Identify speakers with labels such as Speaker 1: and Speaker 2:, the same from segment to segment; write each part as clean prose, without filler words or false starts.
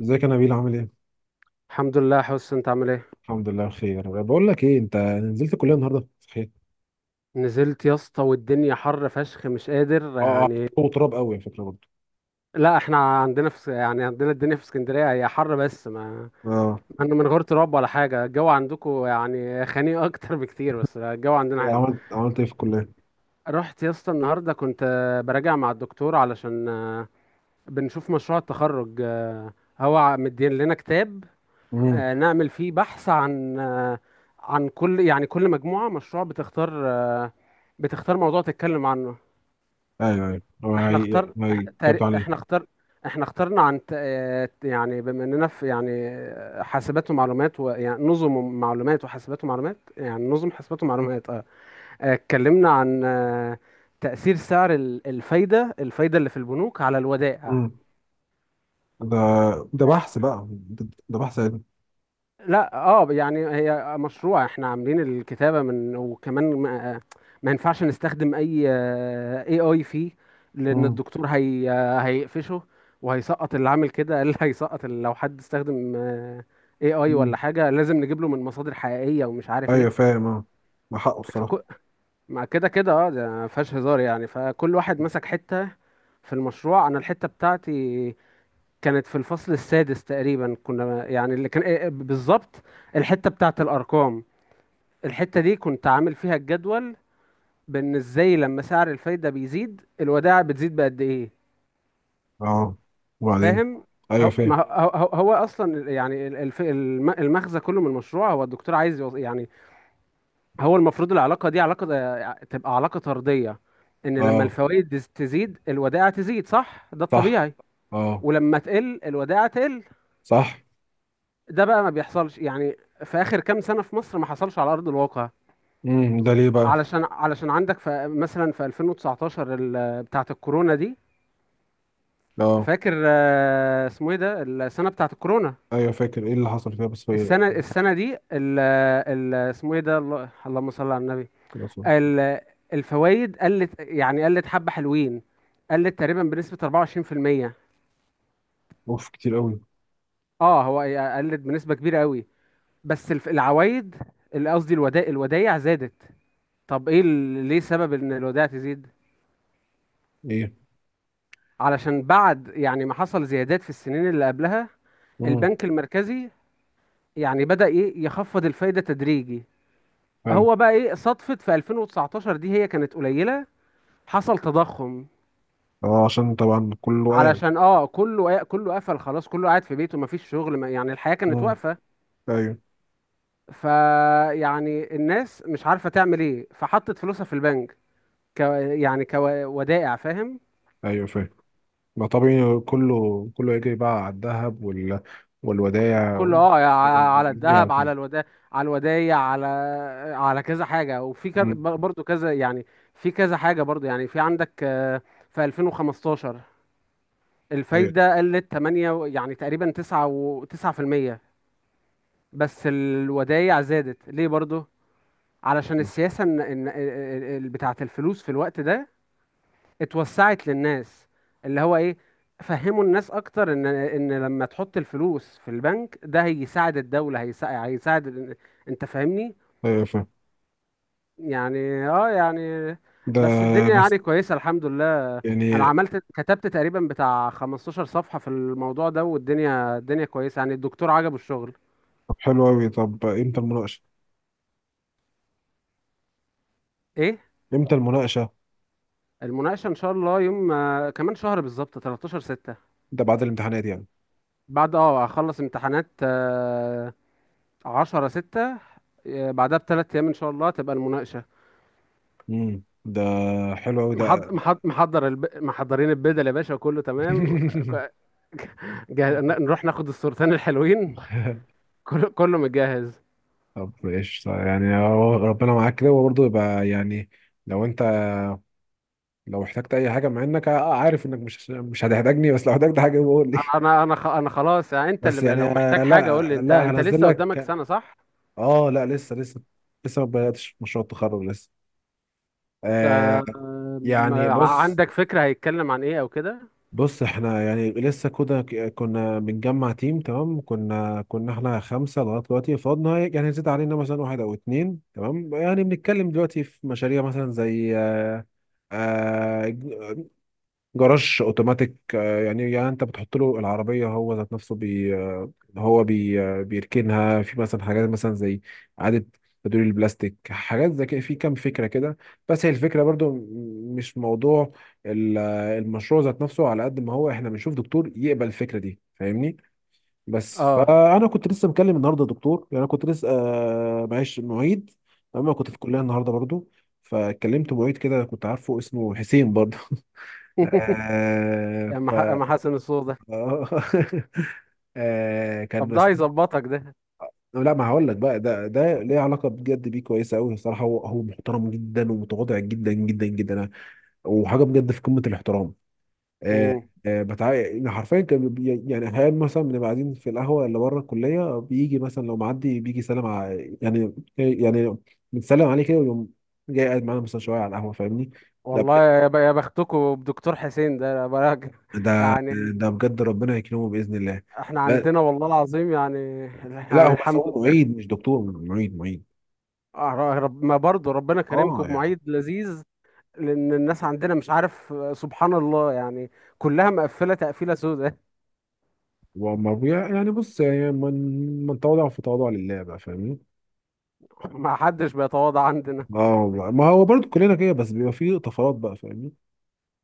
Speaker 1: ازيك يا نبيل عامل ايه؟
Speaker 2: الحمد لله يا حس، انت عامل ايه؟
Speaker 1: الحمد لله بخير. بقول لك ايه، انت نزلت الكليه النهارده صحيح؟
Speaker 2: نزلت يا اسطى، والدنيا حر فشخ، مش قادر
Speaker 1: اه.
Speaker 2: يعني.
Speaker 1: هو تراب قوي على فكره برضه.
Speaker 2: لا احنا عندنا الدنيا في اسكندريه، هي حر بس ما
Speaker 1: اه.
Speaker 2: انا من غير تراب ولا حاجه. الجو عندكم يعني خنيق اكتر بكتير، بس الجو عندنا
Speaker 1: إيه
Speaker 2: حلو.
Speaker 1: عملت ايه في الكليه؟
Speaker 2: رحت يا اسطى النهارده، كنت براجع مع الدكتور علشان بنشوف مشروع التخرج. هو مدين لنا كتاب
Speaker 1: امم
Speaker 2: نعمل فيه بحث عن عن كل مجموعه مشروع بتختار، بتختار موضوع تتكلم عنه.
Speaker 1: ايوه. هو
Speaker 2: احنا اختار
Speaker 1: ما
Speaker 2: إح-
Speaker 1: جبت
Speaker 2: تاري-
Speaker 1: عليه.
Speaker 2: احنا اختار احنا اخترنا عن يعني بما اننا في يعني حاسبات ومعلومات، ويعني نظم معلومات وحاسبات ومعلومات، يعني نظم حاسبات ومعلومات. اتكلمنا عن تأثير سعر الفايدة اللي في البنوك على الودائع.
Speaker 1: امم ده، ده بحث علمي.
Speaker 2: لا اه يعني هي مشروع احنا عاملين الكتابة من، وكمان ما ينفعش نستخدم اي فيه، لان
Speaker 1: امم
Speaker 2: الدكتور هي هيقفشه وهيسقط اللي عامل كده. قال هيسقط، لو حد استخدم اي ولا
Speaker 1: امم
Speaker 2: حاجة، لازم نجيب له من مصادر حقيقية ومش عارف ايه.
Speaker 1: ايوه فاهم. اه ما حقه الصراحه.
Speaker 2: فكو. مع كده كده اه، ده ما فيهاش هزار يعني. فكل واحد مسك حتة في المشروع. انا الحتة بتاعتي كانت في الفصل السادس تقريبا، كنا يعني اللي كان بالظبط الحتة بتاعت الارقام. الحتة دي كنت عامل فيها الجدول، بان ازاي لما سعر الفايدة بيزيد الودائع بتزيد بقد ايه.
Speaker 1: اه وبعدين.
Speaker 2: فاهم.
Speaker 1: ايوه
Speaker 2: هو، ما
Speaker 1: فاهم.
Speaker 2: هو، هو اصلا المغزى كله من المشروع، هو الدكتور عايز يعني هو المفروض العلاقة دي علاقة، تبقى علاقة طردية. ان لما
Speaker 1: اه
Speaker 2: الفوائد تزيد الودائع تزيد، صح؟ ده
Speaker 1: صح.
Speaker 2: الطبيعي.
Speaker 1: اه
Speaker 2: ولما تقل الودائع تقل.
Speaker 1: صح.
Speaker 2: ده بقى ما بيحصلش يعني. في اخر كام سنة في مصر ما حصلش على ارض الواقع.
Speaker 1: ده ليه بقى؟
Speaker 2: علشان عندك في مثلا في 2019 بتاعة الكورونا دي.
Speaker 1: اه.
Speaker 2: فاكر اسمه ايه ده، السنة بتاعة الكورونا.
Speaker 1: ايوه فاكر. ايه اللي حصل فيها؟ بس هي...
Speaker 2: السنة دي ال ال اسمه ايه ده، اللهم صل على النبي. ال- الفوائد قلت حبة حلوين، قلت تقريبا بنسبة 24%.
Speaker 1: اوف كتير قوي.
Speaker 2: اه. هو قلت بنسبة كبيرة قوي. بس العوايد، اللي قصدي الودائع زادت. طب ايه ليه سبب ان الودائع تزيد؟ علشان بعد يعني ما حصل زيادات في السنين اللي قبلها،
Speaker 1: ايه؟
Speaker 2: البنك المركزي يعني بدأ ايه يخفض الفايدة تدريجي.
Speaker 1: حلو.
Speaker 2: هو بقى ايه، صدفة في 2019 دي هي كانت قليلة، حصل تضخم.
Speaker 1: اه عشان طبعا كله قال.
Speaker 2: علشان اه كله كله قفل خلاص، كله قاعد في بيته، مفيش شغل، ما يعني الحياة كانت
Speaker 1: مم.
Speaker 2: واقفة.
Speaker 1: ايوه
Speaker 2: فيعني الناس مش عارفة تعمل ايه، فحطت فلوسها في البنك، ك يعني كودائع. فاهم.
Speaker 1: ايوه فاهم. ما طبيعي، كله يجري بقى على الذهب والودائع
Speaker 2: كله اه، على الذهب،
Speaker 1: يعني.
Speaker 2: على الودايع، على كذا حاجه، وفي
Speaker 1: مم.
Speaker 2: برضو كذا يعني. في كذا حاجه برضو يعني. في عندك في 2015
Speaker 1: ايوه
Speaker 2: الفايده قلت 8 يعني تقريبا 9 و 9%. بس الودايع زادت ليه برضو؟ علشان السياسه، بتاعه الفلوس في الوقت ده اتوسعت للناس، اللي هو ايه، فهموا الناس اكتر ان لما تحط الفلوس في البنك ده هيساعد الدولة، هيساعد انت فاهمني.
Speaker 1: ايوه فاهم.
Speaker 2: يعني اه يعني،
Speaker 1: ده
Speaker 2: بس الدنيا
Speaker 1: بس
Speaker 2: يعني كويسة، الحمد لله. انا
Speaker 1: يعني.
Speaker 2: كتبت تقريبا بتاع 15 صفحة في الموضوع ده، والدنيا الدنيا كويسة، يعني الدكتور عجبه الشغل.
Speaker 1: طب حلو قوي، طب امتى المناقشه؟
Speaker 2: ايه،
Speaker 1: امتى المناقشه؟
Speaker 2: المناقشة ان شاء الله يوم كمان شهر بالظبط، 13 6.
Speaker 1: ده بعد الامتحانات يعني.
Speaker 2: بعد اه اخلص امتحانات، عشرة ستة، بعدها ب 3 أيام إن شاء الله تبقى المناقشة.
Speaker 1: ده حلو قوي ده.
Speaker 2: محضرين البدل يا باشا، كله تمام. ك- نروح ناخد الصورتين الحلوين. كله كله متجهز.
Speaker 1: طب ايش يعني، هو ربنا معاك كده وبرضه يبقى يعني، لو انت، لو احتجت اي حاجه، مع انك عارف انك مش هتحتاجني، بس لو احتجت حاجه بقول لي.
Speaker 2: أنا خلاص يعني، أنت
Speaker 1: بس
Speaker 2: اللي
Speaker 1: يعني
Speaker 2: لو محتاج حاجة قول لي.
Speaker 1: لا
Speaker 2: أنت
Speaker 1: لا
Speaker 2: أنت
Speaker 1: هنزل
Speaker 2: لسه قدامك
Speaker 1: لك.
Speaker 2: سنة، صح؟
Speaker 1: اه لا لسه لسه ما بداتش مشروع التخرج لسه.
Speaker 2: أنت،
Speaker 1: آه يعني بص.
Speaker 2: عندك فكرة هيتكلم عن إيه أو كده؟
Speaker 1: بص احنا يعني لسه كده، كنا بنجمع تيم. تمام، كنا احنا خمسه لغايه دلوقتي، فاضنا يعني زاد علينا مثلا واحد او اتنين. تمام يعني بنتكلم دلوقتي في مشاريع مثلا زي آه، جراج اوتوماتيك، يعني، يعني انت بتحط له العربيه، هو ذات نفسه بي آه، هو بي آه، بيركنها. في مثلا حاجات مثلا زي اعاده تدوير البلاستيك، حاجات زي كده، في كام فكره كده. بس هي الفكره برضو مش موضوع المشروع ذات نفسه، على قد ما هو احنا بنشوف دكتور يقبل الفكره دي، فاهمني. بس
Speaker 2: أه.
Speaker 1: فانا كنت لسه مكلم النهارده دكتور، يعني انا كنت لسه معيش معيد اما كنت في الكليه النهارده برضو. فكلمت معيد كده كنت عارفه، اسمه حسين برضه. آه ف...
Speaker 2: يا أم حسن الصوت ده.
Speaker 1: آه آه كان
Speaker 2: طب ده
Speaker 1: بس.
Speaker 2: هيظبطك ده.
Speaker 1: لا ما هقول لك بقى، ده ده ليه علاقه بجد، بيه كويسه قوي الصراحه. هو محترم جدا ومتواضع جدا جدا جدا، وحاجه بجد في قمه الاحترام. آه.
Speaker 2: مم.
Speaker 1: آه بتاع، يعني حرفيا كان يعني احيانا مثلا بنبقى قاعدين في القهوه اللي بره الكليه، بيجي مثلا لو معدي بيجي يسلم على، يعني بنسلم عليه كده، ويقوم جاي قاعد معانا مثلا شويه على القهوه، فاهمني. لا بجد،
Speaker 2: والله يا بختكوا بدكتور حسين ده بقى.
Speaker 1: ده
Speaker 2: يعني
Speaker 1: ده بجد ربنا يكرمه باذن الله.
Speaker 2: احنا عندنا والله العظيم يعني.
Speaker 1: لا
Speaker 2: يعني
Speaker 1: هو بس
Speaker 2: الحمد
Speaker 1: هو
Speaker 2: لله.
Speaker 1: معيد مش دكتور، معيد.
Speaker 2: رب ما برضه ربنا
Speaker 1: اه
Speaker 2: كريمكم
Speaker 1: يعني.
Speaker 2: بمعيد لذيذ. لان الناس عندنا مش عارف سبحان الله يعني، كلها مقفله تقفيله سوداء.
Speaker 1: هو يعني بص يعني، من تواضع في تواضع لله بقى، فاهمني.
Speaker 2: ما حدش بيتواضع عندنا.
Speaker 1: اه والله. ما هو برضو كلنا كده بس بيبقى فيه طفرات بقى، فاهمني.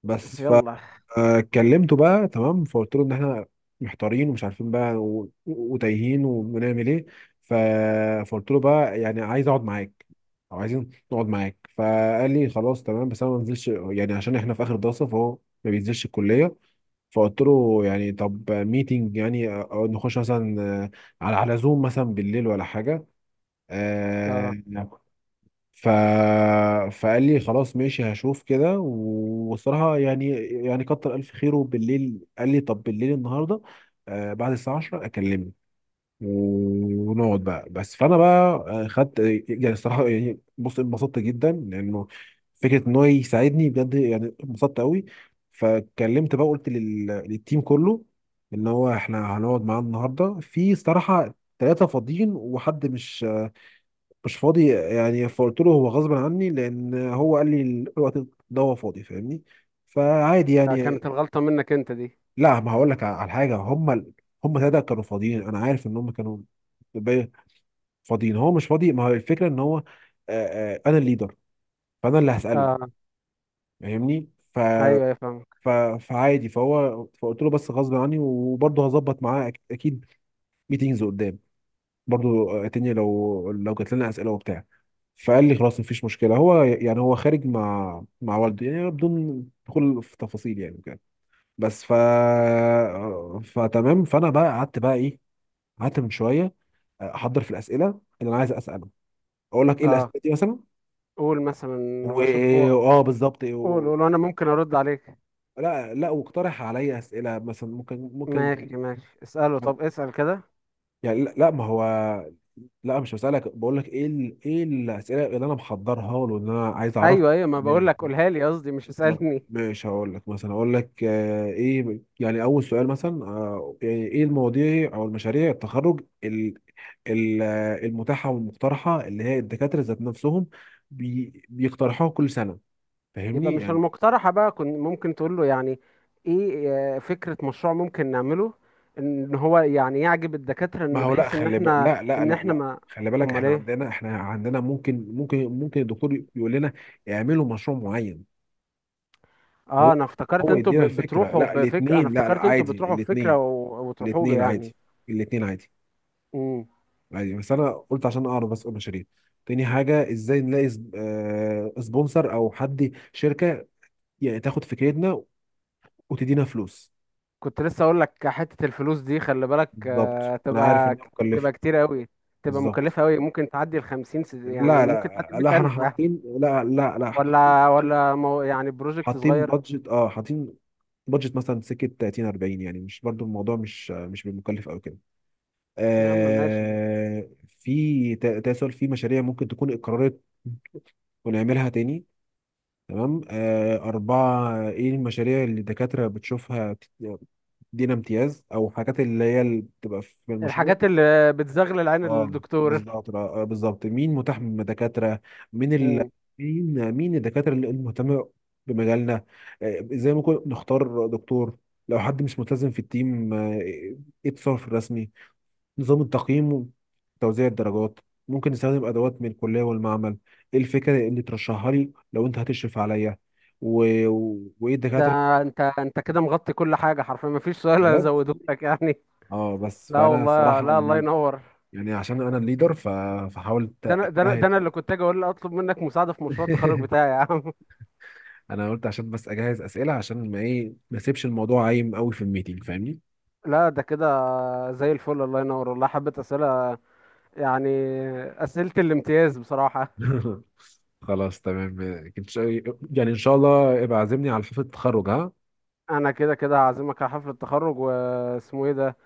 Speaker 1: بس
Speaker 2: يلا.
Speaker 1: فكلمته بقى تمام، فقلت له ان احنا محتارين ومش عارفين بقى، وتايهين ونعمل ايه. ف... فقلت له بقى يعني عايز اقعد معاك او عايزين نقعد معاك. فقال لي خلاص تمام بس انا ما بنزلش، يعني عشان احنا في اخر دراسه، فهو ما بينزلش الكليه. فقلت له يعني طب ميتنج، يعني أو نخش مثلا على زوم مثلا بالليل ولا حاجة.
Speaker 2: اه،
Speaker 1: آه، ف فقال لي خلاص ماشي هشوف كده. وصراحة يعني، يعني كتر ألف خيره، بالليل قال لي طب بالليل النهاردة بعد الساعة 10 أكلمك ونقعد بقى. بس فانا بقى خدت، يعني الصراحه يعني بص، انبسطت جدا لانه فكره ان هو يساعدني بجد، يعني انبسطت قوي. فكلمت بقى، قلت للتيم كله ان هو احنا هنقعد معاه النهارده. في صراحه ثلاثه فاضيين وحد مش فاضي، يعني فقلت له هو غصب عني، لان هو قال لي الوقت ده هو فاضي، فاهمني. فعادي يعني.
Speaker 2: كانت الغلطه منك انت دي.
Speaker 1: لا ما هقول لك على حاجه، هم ثلاثه كانوا فاضيين، انا عارف ان هم كانوا فاضيين، هو مش فاضي. ما هو الفكره ان هو انا الليدر، فانا اللي هساله،
Speaker 2: اه
Speaker 1: فاهمني. ف
Speaker 2: ايوه، يا فاهمك.
Speaker 1: ف فعادي. فهو فقلت له بس غصب عني، وبرضه هظبط معاه اكيد ميتينجز قدام برضه اتني، لو لو جات لنا اسئله وبتاع. فقال لي خلاص مفيش مشكله، هو يعني هو خارج مع والده، يعني بدون دخول في تفاصيل يعني، وكده. بس فتمام، فانا بقى قعدت بقى ايه، قعدت من شويه احضر في الاسئله اللي انا عايز اساله. اقول لك ايه
Speaker 2: اه،
Speaker 1: الاسئله دي مثلا؟
Speaker 2: قول مثلا،
Speaker 1: و...
Speaker 2: واشوف
Speaker 1: اه بالظبط
Speaker 2: قول قول، وانا ممكن ارد عليك.
Speaker 1: لا لا، واقترح عليا اسئله مثلا، ممكن.
Speaker 2: ماشي ماشي، اساله. طب اسال كده.
Speaker 1: يعني لا ما هو، لا مش بسالك، بقول لك ايه ايه الاسئله اللي انا محضرها له ان انا عايز اعرفها.
Speaker 2: ايوه ايوه، ما
Speaker 1: ليه؟
Speaker 2: بقول لك قولها لي، قصدي مش
Speaker 1: ما...
Speaker 2: اسالني.
Speaker 1: مش هقول لك مثلا، اقول لك آه ايه، يعني اول سؤال مثلا آه، يعني ايه المواضيع او المشاريع التخرج ال... ال... آه، المتاحه والمقترحه، اللي هي الدكاتره ذات نفسهم بيقترحوها كل سنه،
Speaker 2: يبقى
Speaker 1: فاهمني
Speaker 2: مش
Speaker 1: يعني.
Speaker 2: المقترحة بقى، كنت ممكن تقول له يعني ايه، فكرة مشروع ممكن نعمله، ان هو يعني يعجب الدكاترة،
Speaker 1: ما
Speaker 2: ان
Speaker 1: هو لا،
Speaker 2: بحيث ان
Speaker 1: خلي بالك،
Speaker 2: احنا،
Speaker 1: لا لا
Speaker 2: ان
Speaker 1: لا
Speaker 2: احنا
Speaker 1: لا
Speaker 2: ما.
Speaker 1: خلي بالك
Speaker 2: امال
Speaker 1: احنا
Speaker 2: ايه؟
Speaker 1: عندنا، احنا عندنا ممكن الدكتور يقول لنا اعملوا مشروع معين.
Speaker 2: اه،
Speaker 1: هو
Speaker 2: انا افتكرت
Speaker 1: هو
Speaker 2: انتوا
Speaker 1: يدينا الفكره،
Speaker 2: بتروحوا
Speaker 1: لا
Speaker 2: بفكرة، انا
Speaker 1: الاثنين، لا لا
Speaker 2: افتكرت انتوا
Speaker 1: عادي
Speaker 2: بتروحوا بفكرة
Speaker 1: الاثنين،
Speaker 2: وتروحوا له
Speaker 1: الاثنين
Speaker 2: يعني.
Speaker 1: عادي، الاثنين عادي،
Speaker 2: امم.
Speaker 1: عادي. بس انا قلت عشان اعرف بس. اقول مشاريع تاني حاجه، ازاي نلاقي سبونسر او حد شركه يعني تاخد فكرتنا وتدينا فلوس.
Speaker 2: كنت لسه اقول لك، حتة الفلوس دي خلي بالك،
Speaker 1: بالظبط
Speaker 2: آه
Speaker 1: انا عارف
Speaker 2: تبقى
Speaker 1: انها مكلفه.
Speaker 2: تبقى كتير قوي، تبقى
Speaker 1: بالظبط.
Speaker 2: مكلفة قوي. ممكن تعدي ال 50 يعني
Speaker 1: لا
Speaker 2: ممكن تعدي
Speaker 1: لا لا
Speaker 2: 100,000
Speaker 1: احنا
Speaker 2: ألف. آه.
Speaker 1: حاطين، لا احنا حاطين،
Speaker 2: يعني بروجكت
Speaker 1: حاطين
Speaker 2: صغير.
Speaker 1: بادجت، اه حاطين بادجت مثلا سكه 30 40، يعني مش برضو الموضوع مش مش بالمكلف او كده.
Speaker 2: يا عم ماشي.
Speaker 1: آه في تسول في مشاريع ممكن تكون اتكررت ونعملها تاني. تمام. آه أربعة، إيه المشاريع اللي الدكاترة بتشوفها دينا امتياز، أو حاجات اللي هي اللي بتبقى في المشروع.
Speaker 2: الحاجات اللي بتزغلل عين
Speaker 1: اه
Speaker 2: الدكتور.
Speaker 1: بالظبط. بالظبط مين متاح من دكاترة، مين ال...
Speaker 2: مم.
Speaker 1: مين الدكاترة اللي مهتمة بمجالنا. ازاي ممكن نختار دكتور لو حد مش ملتزم في التيم. ايه التصرف الرسمي، نظام التقييم وتوزيع الدرجات. ممكن نستخدم ادوات من الكلية والمعمل. ايه الفكرة اللي ترشحها لي لو انت هتشرف عليا، وايه
Speaker 2: ده،
Speaker 1: الدكاترة.
Speaker 2: انت كده مغطي كل حاجه حرفيا، ما فيش سؤال
Speaker 1: بجد.
Speaker 2: ازوده لك يعني.
Speaker 1: اه بس
Speaker 2: لا
Speaker 1: فانا
Speaker 2: والله،
Speaker 1: الصراحة
Speaker 2: لا، الله
Speaker 1: يعني،
Speaker 2: ينور.
Speaker 1: يعني عشان انا الليدر فحاولت
Speaker 2: ده انا ده انا ده
Speaker 1: اجتهد
Speaker 2: انا اللي كنت اجي اقول اطلب منك مساعده في مشروع التخرج
Speaker 1: في.
Speaker 2: بتاعي يا عم.
Speaker 1: انا قلت عشان بس اجهز اسئله، عشان ما ما اسيبش الموضوع عايم قوي في الميتنج، فاهمني.
Speaker 2: لا ده كده زي الفل، الله ينور والله، حبه اسئله يعني، اسئله الامتياز بصراحه.
Speaker 1: خلاص تمام. إن شاء- يعني ان شاء الله ابقى عازمني على حفله التخرج، ها؟
Speaker 2: انا كده كده هعزمك على حفله التخرج واسمه ايه ده.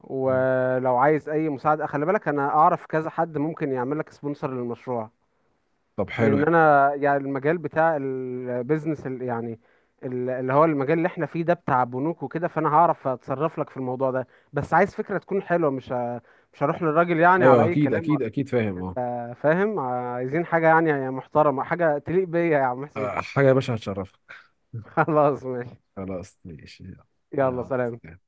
Speaker 2: ولو عايز اي مساعده خلي بالك، انا اعرف كذا حد ممكن يعمل لك سبونسر للمشروع.
Speaker 1: طب حلو
Speaker 2: لان
Speaker 1: يعني.
Speaker 2: انا يعني المجال بتاع البيزنس، اللي هو المجال اللي احنا فيه ده بتاع بنوك وكده، فانا هعرف اتصرف لك في الموضوع ده. بس عايز فكرة تكون حلوة، مش هروح للراجل يعني على
Speaker 1: ايوه
Speaker 2: اي
Speaker 1: اكيد
Speaker 2: كلام.
Speaker 1: اكيد اكيد فاهم. اه.
Speaker 2: فاهم. عايزين حاجة يعني محترمة، حاجة تليق بيا يا عم
Speaker 1: آه،
Speaker 2: حسين.
Speaker 1: حاجه يا باشا هتشرفك.
Speaker 2: خلاص ماشي.
Speaker 1: خلاص ماشي
Speaker 2: يلا
Speaker 1: يلا.
Speaker 2: سلام.
Speaker 1: يلا.